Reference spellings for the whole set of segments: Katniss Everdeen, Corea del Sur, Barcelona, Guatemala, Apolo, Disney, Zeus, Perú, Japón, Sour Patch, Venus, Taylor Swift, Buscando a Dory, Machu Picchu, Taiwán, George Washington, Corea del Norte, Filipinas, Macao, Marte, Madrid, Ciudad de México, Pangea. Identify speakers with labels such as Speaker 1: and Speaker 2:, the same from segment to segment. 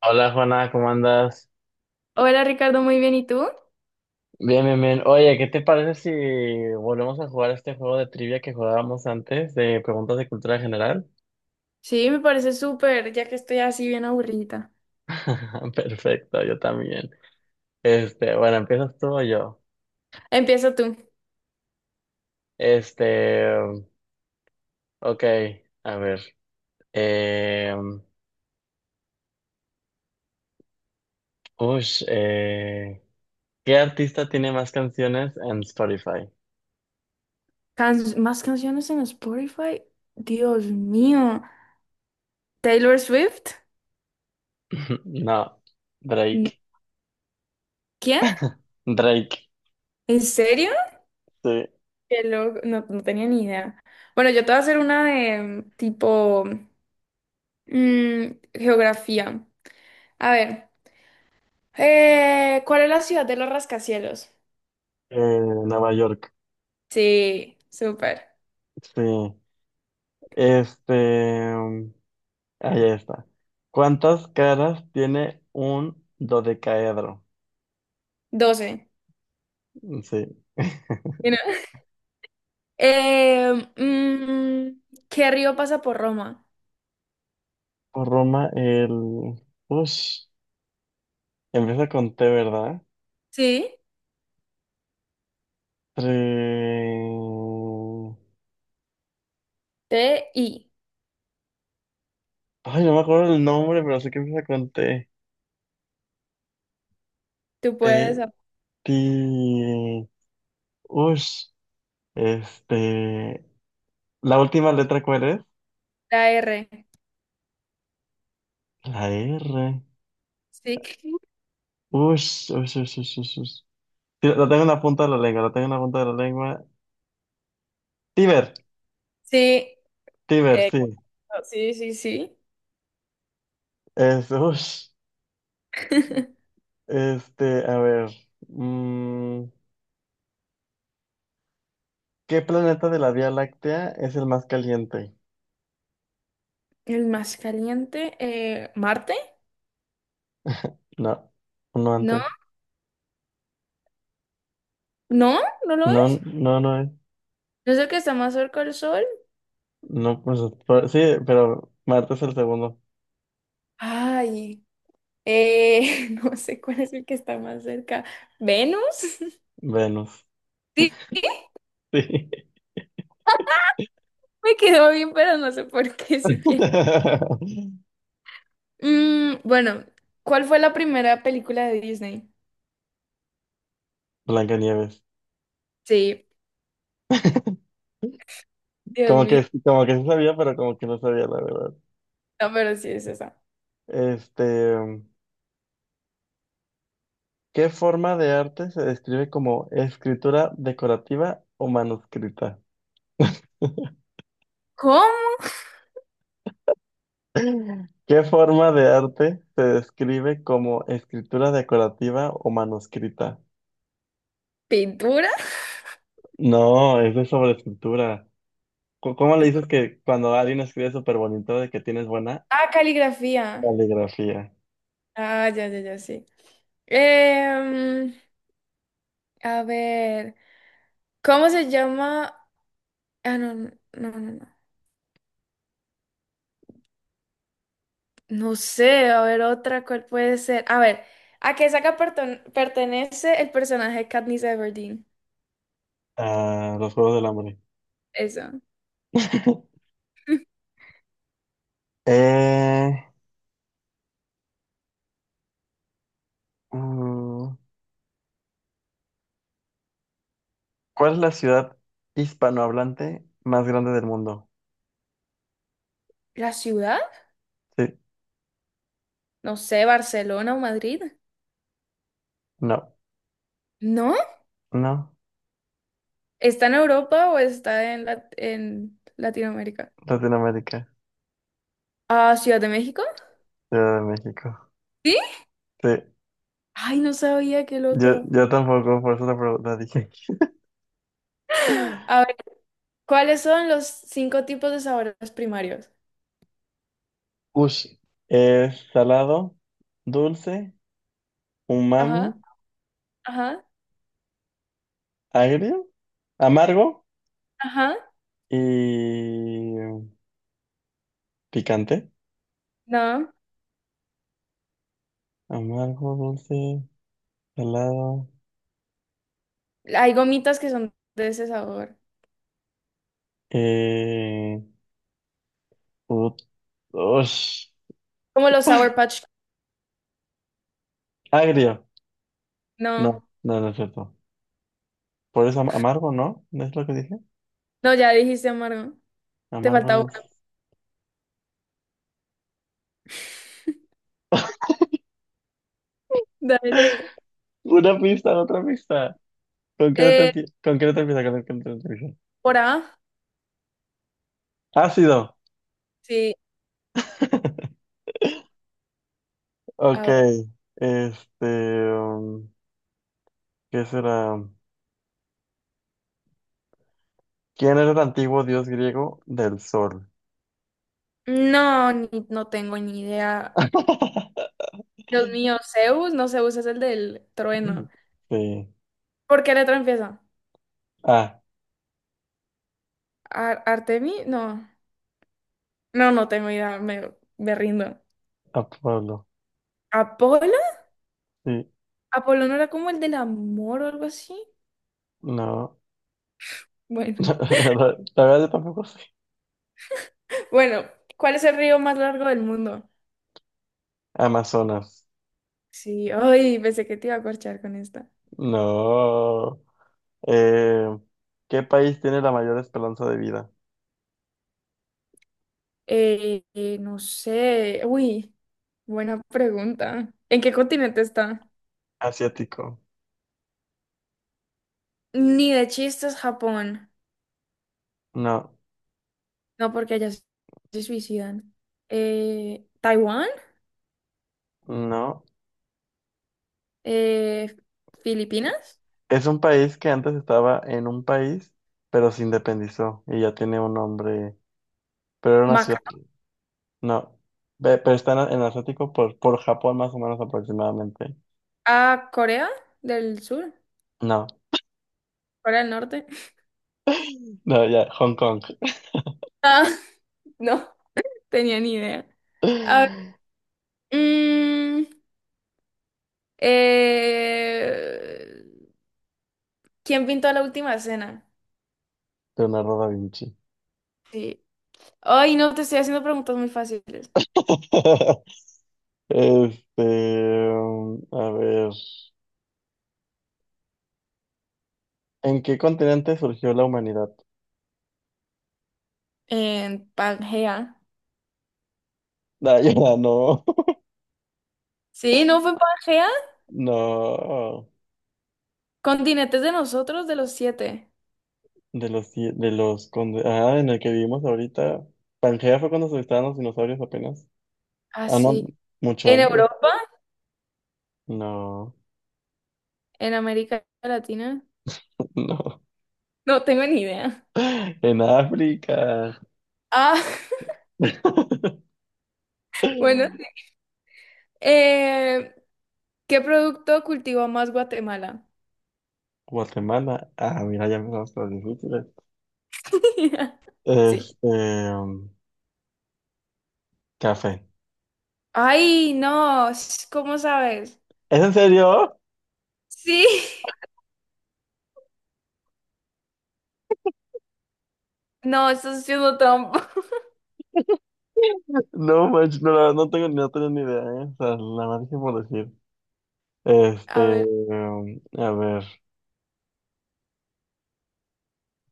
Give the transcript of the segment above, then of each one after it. Speaker 1: Hola Juana, ¿cómo andas?
Speaker 2: Hola Ricardo, muy bien. ¿Y tú?
Speaker 1: Bien, bien, bien. Oye, ¿qué te parece si volvemos a jugar este juego de trivia que jugábamos antes de preguntas de cultura general?
Speaker 2: Sí, me parece súper, ya que estoy así bien aburrida.
Speaker 1: Perfecto, yo también. Bueno, ¿empiezas tú o yo?
Speaker 2: Empieza tú.
Speaker 1: Este, ok, a ver. Eh, ush, eh, ¿Qué artista tiene más canciones en Spotify?
Speaker 2: Can- ¿Más canciones en Spotify? Dios mío. ¿Taylor Swift?
Speaker 1: No,
Speaker 2: No.
Speaker 1: Drake.
Speaker 2: ¿Quién?
Speaker 1: Drake,
Speaker 2: ¿En serio?
Speaker 1: sí.
Speaker 2: Qué loco, no, no tenía ni idea. Bueno, yo te voy a hacer una de tipo mm, geografía. A ver, ¿cuál es la ciudad de los rascacielos?
Speaker 1: Nueva York,
Speaker 2: Sí, súper.
Speaker 1: sí. Este. em, Ahí está. ¿Cuántas caras tiene un dodecaedro?
Speaker 2: 12.
Speaker 1: Sí.
Speaker 2: Eh, mm, ¿Qué río pasa por Roma?
Speaker 1: Por Roma, el... Ush. Empieza con T, ¿verdad?
Speaker 2: Sí,
Speaker 1: Tre-
Speaker 2: T, I.
Speaker 1: Ay, no me acuerdo el nombre, pero sé que empieza con T.
Speaker 2: Tú
Speaker 1: T,
Speaker 2: puedes apuntar
Speaker 1: ti... Ush. Este... ¿La última letra cuál es?
Speaker 2: la R.
Speaker 1: La R.
Speaker 2: Sí.
Speaker 1: Ush, ush, ush, ush, ush, ush. Sí, la tengo en la punta de la lengua, la tengo en la punta de la lengua. Tiber,
Speaker 2: Sí,
Speaker 1: Tiber,
Speaker 2: eh,
Speaker 1: sí.
Speaker 2: sí, sí, sí.
Speaker 1: Es, ush. A ver, mm, ¿qué planeta de la Vía Láctea es el más caliente?
Speaker 2: El más caliente, Marte.
Speaker 1: No, no
Speaker 2: No,
Speaker 1: antes.
Speaker 2: no, no lo
Speaker 1: No,
Speaker 2: es.
Speaker 1: no, no es.
Speaker 2: ¿No es el que está más cerca del Sol?
Speaker 1: No, pues, sí, pero Marte es el segundo.
Speaker 2: Ay, no sé cuál es el que está más cerca. ¿Venus?
Speaker 1: Venus.
Speaker 2: Sí,
Speaker 1: Sí.
Speaker 2: me quedó bien, pero no sé por qué siquiera. Bueno, ¿cuál fue la primera película de Disney?
Speaker 1: Blancanieves.
Speaker 2: Sí, Dios
Speaker 1: Como que,
Speaker 2: mío.
Speaker 1: como que sí sabía, pero como que no sabía la verdad.
Speaker 2: No, pero sí es esa.
Speaker 1: Este, mm, ¿Qué forma de arte se describe como escritura decorativa o manuscrita?
Speaker 2: ¿Cómo?
Speaker 1: ¿Qué forma de arte se describe como escritura decorativa o manuscrita?
Speaker 2: ¿Pintura?
Speaker 1: No, eso es sobre escritura. ¿Cómo le dices que cuando alguien escribe súper bonito de que tienes buena
Speaker 2: Ah, caligrafía.
Speaker 1: caligrafía?
Speaker 2: Ah, ya, ya, ya, sí. Em, a ver, ¿cómo se llama? Ah, no, no, no, no. No no sé, a ver, otra, ¿cuál puede ser? A ver, ¿a qué saga pertenece el personaje de Katniss Everdeen?
Speaker 1: Ah, los Juegos del Hambre.
Speaker 2: Eso.
Speaker 1: Eh, mm, ¿cuál es la ciudad hispanohablante más grande del mundo?
Speaker 2: ¿La ciudad?
Speaker 1: Sí,
Speaker 2: No sé, Barcelona o Madrid.
Speaker 1: no,
Speaker 2: ¿No?
Speaker 1: no,
Speaker 2: ¿Está en Europa o está en, Lat- en Latinoamérica?
Speaker 1: Latinoamérica,
Speaker 2: Ah, Ciudad de México.
Speaker 1: Ciudad de México.
Speaker 2: ¿Sí?
Speaker 1: Sí,
Speaker 2: Ay, no sabía, qué
Speaker 1: yo,
Speaker 2: loco.
Speaker 1: yo tampoco, por eso la pregunta dije.
Speaker 2: A ver, ¿cuáles son los 5 tipos de sabores primarios?
Speaker 1: Ush, es salado, dulce, umami,
Speaker 2: Ajá, ajá,
Speaker 1: agrio, amargo
Speaker 2: ajá.
Speaker 1: y picante.
Speaker 2: No,
Speaker 1: Amargo, dulce, salado,
Speaker 2: hay gomitas que son de ese sabor.
Speaker 1: eh, ut- ush,
Speaker 2: Como los Sour Patch.
Speaker 1: agrio. No,
Speaker 2: No,
Speaker 1: no, no es cierto. Por eso amargo, ¿no? ¿No es lo que dije?
Speaker 2: no, ya dijiste amargo. Te
Speaker 1: Amargo,
Speaker 2: falta uno.
Speaker 1: dulce.
Speaker 2: Dale.
Speaker 1: Una pista, otra pista. ¿Con qué no te
Speaker 2: Eh,
Speaker 1: empie- con qué no te empieza? ¿Con qué no te empieza?
Speaker 2: ¿Por A?
Speaker 1: Ácido.
Speaker 2: Sí,
Speaker 1: Ok.
Speaker 2: a ver.
Speaker 1: Este, um, ¿Qué será? ¿Quién era el antiguo dios griego del sol?
Speaker 2: No, no tengo ni idea. Dios mío, Zeus, no, Zeus es el del trueno.
Speaker 1: Sí.
Speaker 2: ¿Por qué letra empieza?
Speaker 1: Ah,
Speaker 2: ¿Artemi? No, no, no tengo idea, me rindo.
Speaker 1: Apolo.
Speaker 2: ¿Apolo?
Speaker 1: Sí,
Speaker 2: ¿Apolo no era como el del amor o algo así?
Speaker 1: no.
Speaker 2: Bueno,
Speaker 1: La verdad yo tampoco sé.
Speaker 2: bueno, ¿cuál es el río más largo del mundo?
Speaker 1: Amazonas.
Speaker 2: Sí, ay, pensé que te iba a corchar con esta.
Speaker 1: No. Eh, ¿Qué país tiene la mayor esperanza de vida?
Speaker 2: No sé, uy, buena pregunta. ¿En qué continente está?
Speaker 1: Asiático.
Speaker 2: Ni de chistes Japón.
Speaker 1: No,
Speaker 2: No, porque allá se suicidan. ¿Taiwán?
Speaker 1: no.
Speaker 2: Eh, ¿Filipinas?
Speaker 1: Es un país que antes estaba en un país, pero se independizó y ya tiene un nombre. Pero era una ciudad.
Speaker 2: ¿Macao?
Speaker 1: No. Pero está en Asiático por Japón más o menos aproximadamente.
Speaker 2: ¿A Corea del Sur?
Speaker 1: No,
Speaker 2: ¿Corea del Norte?
Speaker 1: no, ya, Hong Kong.
Speaker 2: Ah, no. Tenía ni idea. A ver, mm, eh, ¿quién pintó la última cena?
Speaker 1: Leonardo da Vinci.
Speaker 2: Sí. Ay, no, te estoy haciendo preguntas muy fáciles.
Speaker 1: Este, a ver, ¿en qué continente surgió la humanidad?
Speaker 2: En Pangea.
Speaker 1: Ah, ya, no,
Speaker 2: Sí, ¿no fue en Pangea?
Speaker 1: no,
Speaker 2: Continentes de nosotros, de los 7.
Speaker 1: de los, ci- de los, conde- ah, en el que vivimos ahorita. Pangea fue cuando se estaban los dinosaurios apenas. Ah, no,
Speaker 2: Así.
Speaker 1: mucho
Speaker 2: ¿En
Speaker 1: antes.
Speaker 2: Europa?
Speaker 1: No,
Speaker 2: ¿En América Latina?
Speaker 1: no,
Speaker 2: No tengo ni idea.
Speaker 1: en África.
Speaker 2: Ah, bueno. Sí. Eh, ¿Qué producto cultivó más Guatemala?
Speaker 1: Guatemala, ah, mira, ya empezamos con las difíciles.
Speaker 2: Sí.
Speaker 1: este, Café.
Speaker 2: Ay, no, ¿cómo sabes?
Speaker 1: ¿Es en serio?
Speaker 2: Sí, no, estás siendo trampa.
Speaker 1: No, manches, no, la verdad no tengo ni idea, ¿eh? O sea, la más que por decir.
Speaker 2: A ver,
Speaker 1: A ver.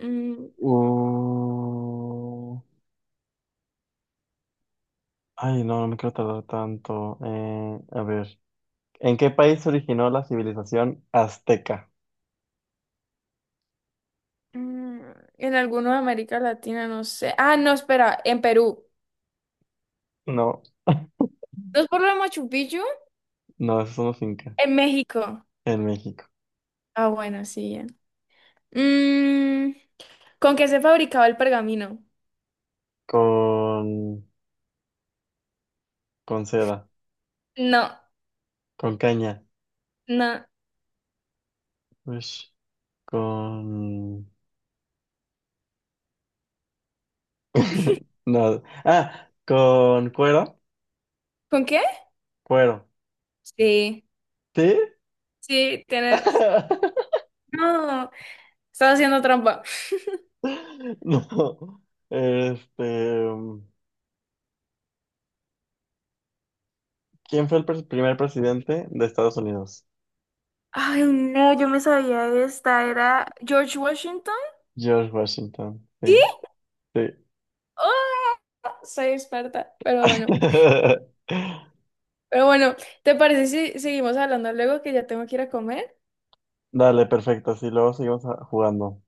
Speaker 2: mm,
Speaker 1: Uh, Ay, no, no me quiero tardar tanto. A ver. ¿En qué país se originó la civilización azteca?
Speaker 2: mm, en algunos de América Latina, no sé. Ah, no, espera, en Perú.
Speaker 1: No,
Speaker 2: ¿No es por lo de Machu Picchu?
Speaker 1: no, esos son los incas.
Speaker 2: En México.
Speaker 1: En México.
Speaker 2: Ah, bueno, sí, ya. Mm, ¿Con qué se fabricaba el pergamino?
Speaker 1: Con, con seda.
Speaker 2: No,
Speaker 1: Con caña.
Speaker 2: no.
Speaker 1: Ush. Con. No. Ah, con cuero.
Speaker 2: ¿Con qué?
Speaker 1: Cuero.
Speaker 2: Sí,
Speaker 1: ¿Sí?
Speaker 2: sí, tienes. No, estás haciendo trampa.
Speaker 1: No. Este, ¿Quién fue el primer presidente de Estados Unidos?
Speaker 2: Ay, no, yo me sabía esta. Era George Washington.
Speaker 1: George Washington. Sí, sí.
Speaker 2: ¡Ah! Soy experta, pero bueno. Pero bueno, ¿te parece si seguimos hablando luego que ya tengo que ir a comer?
Speaker 1: Dale, perfecto. Así luego seguimos jugando.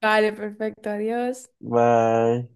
Speaker 2: Vale, perfecto, adiós.
Speaker 1: Bye.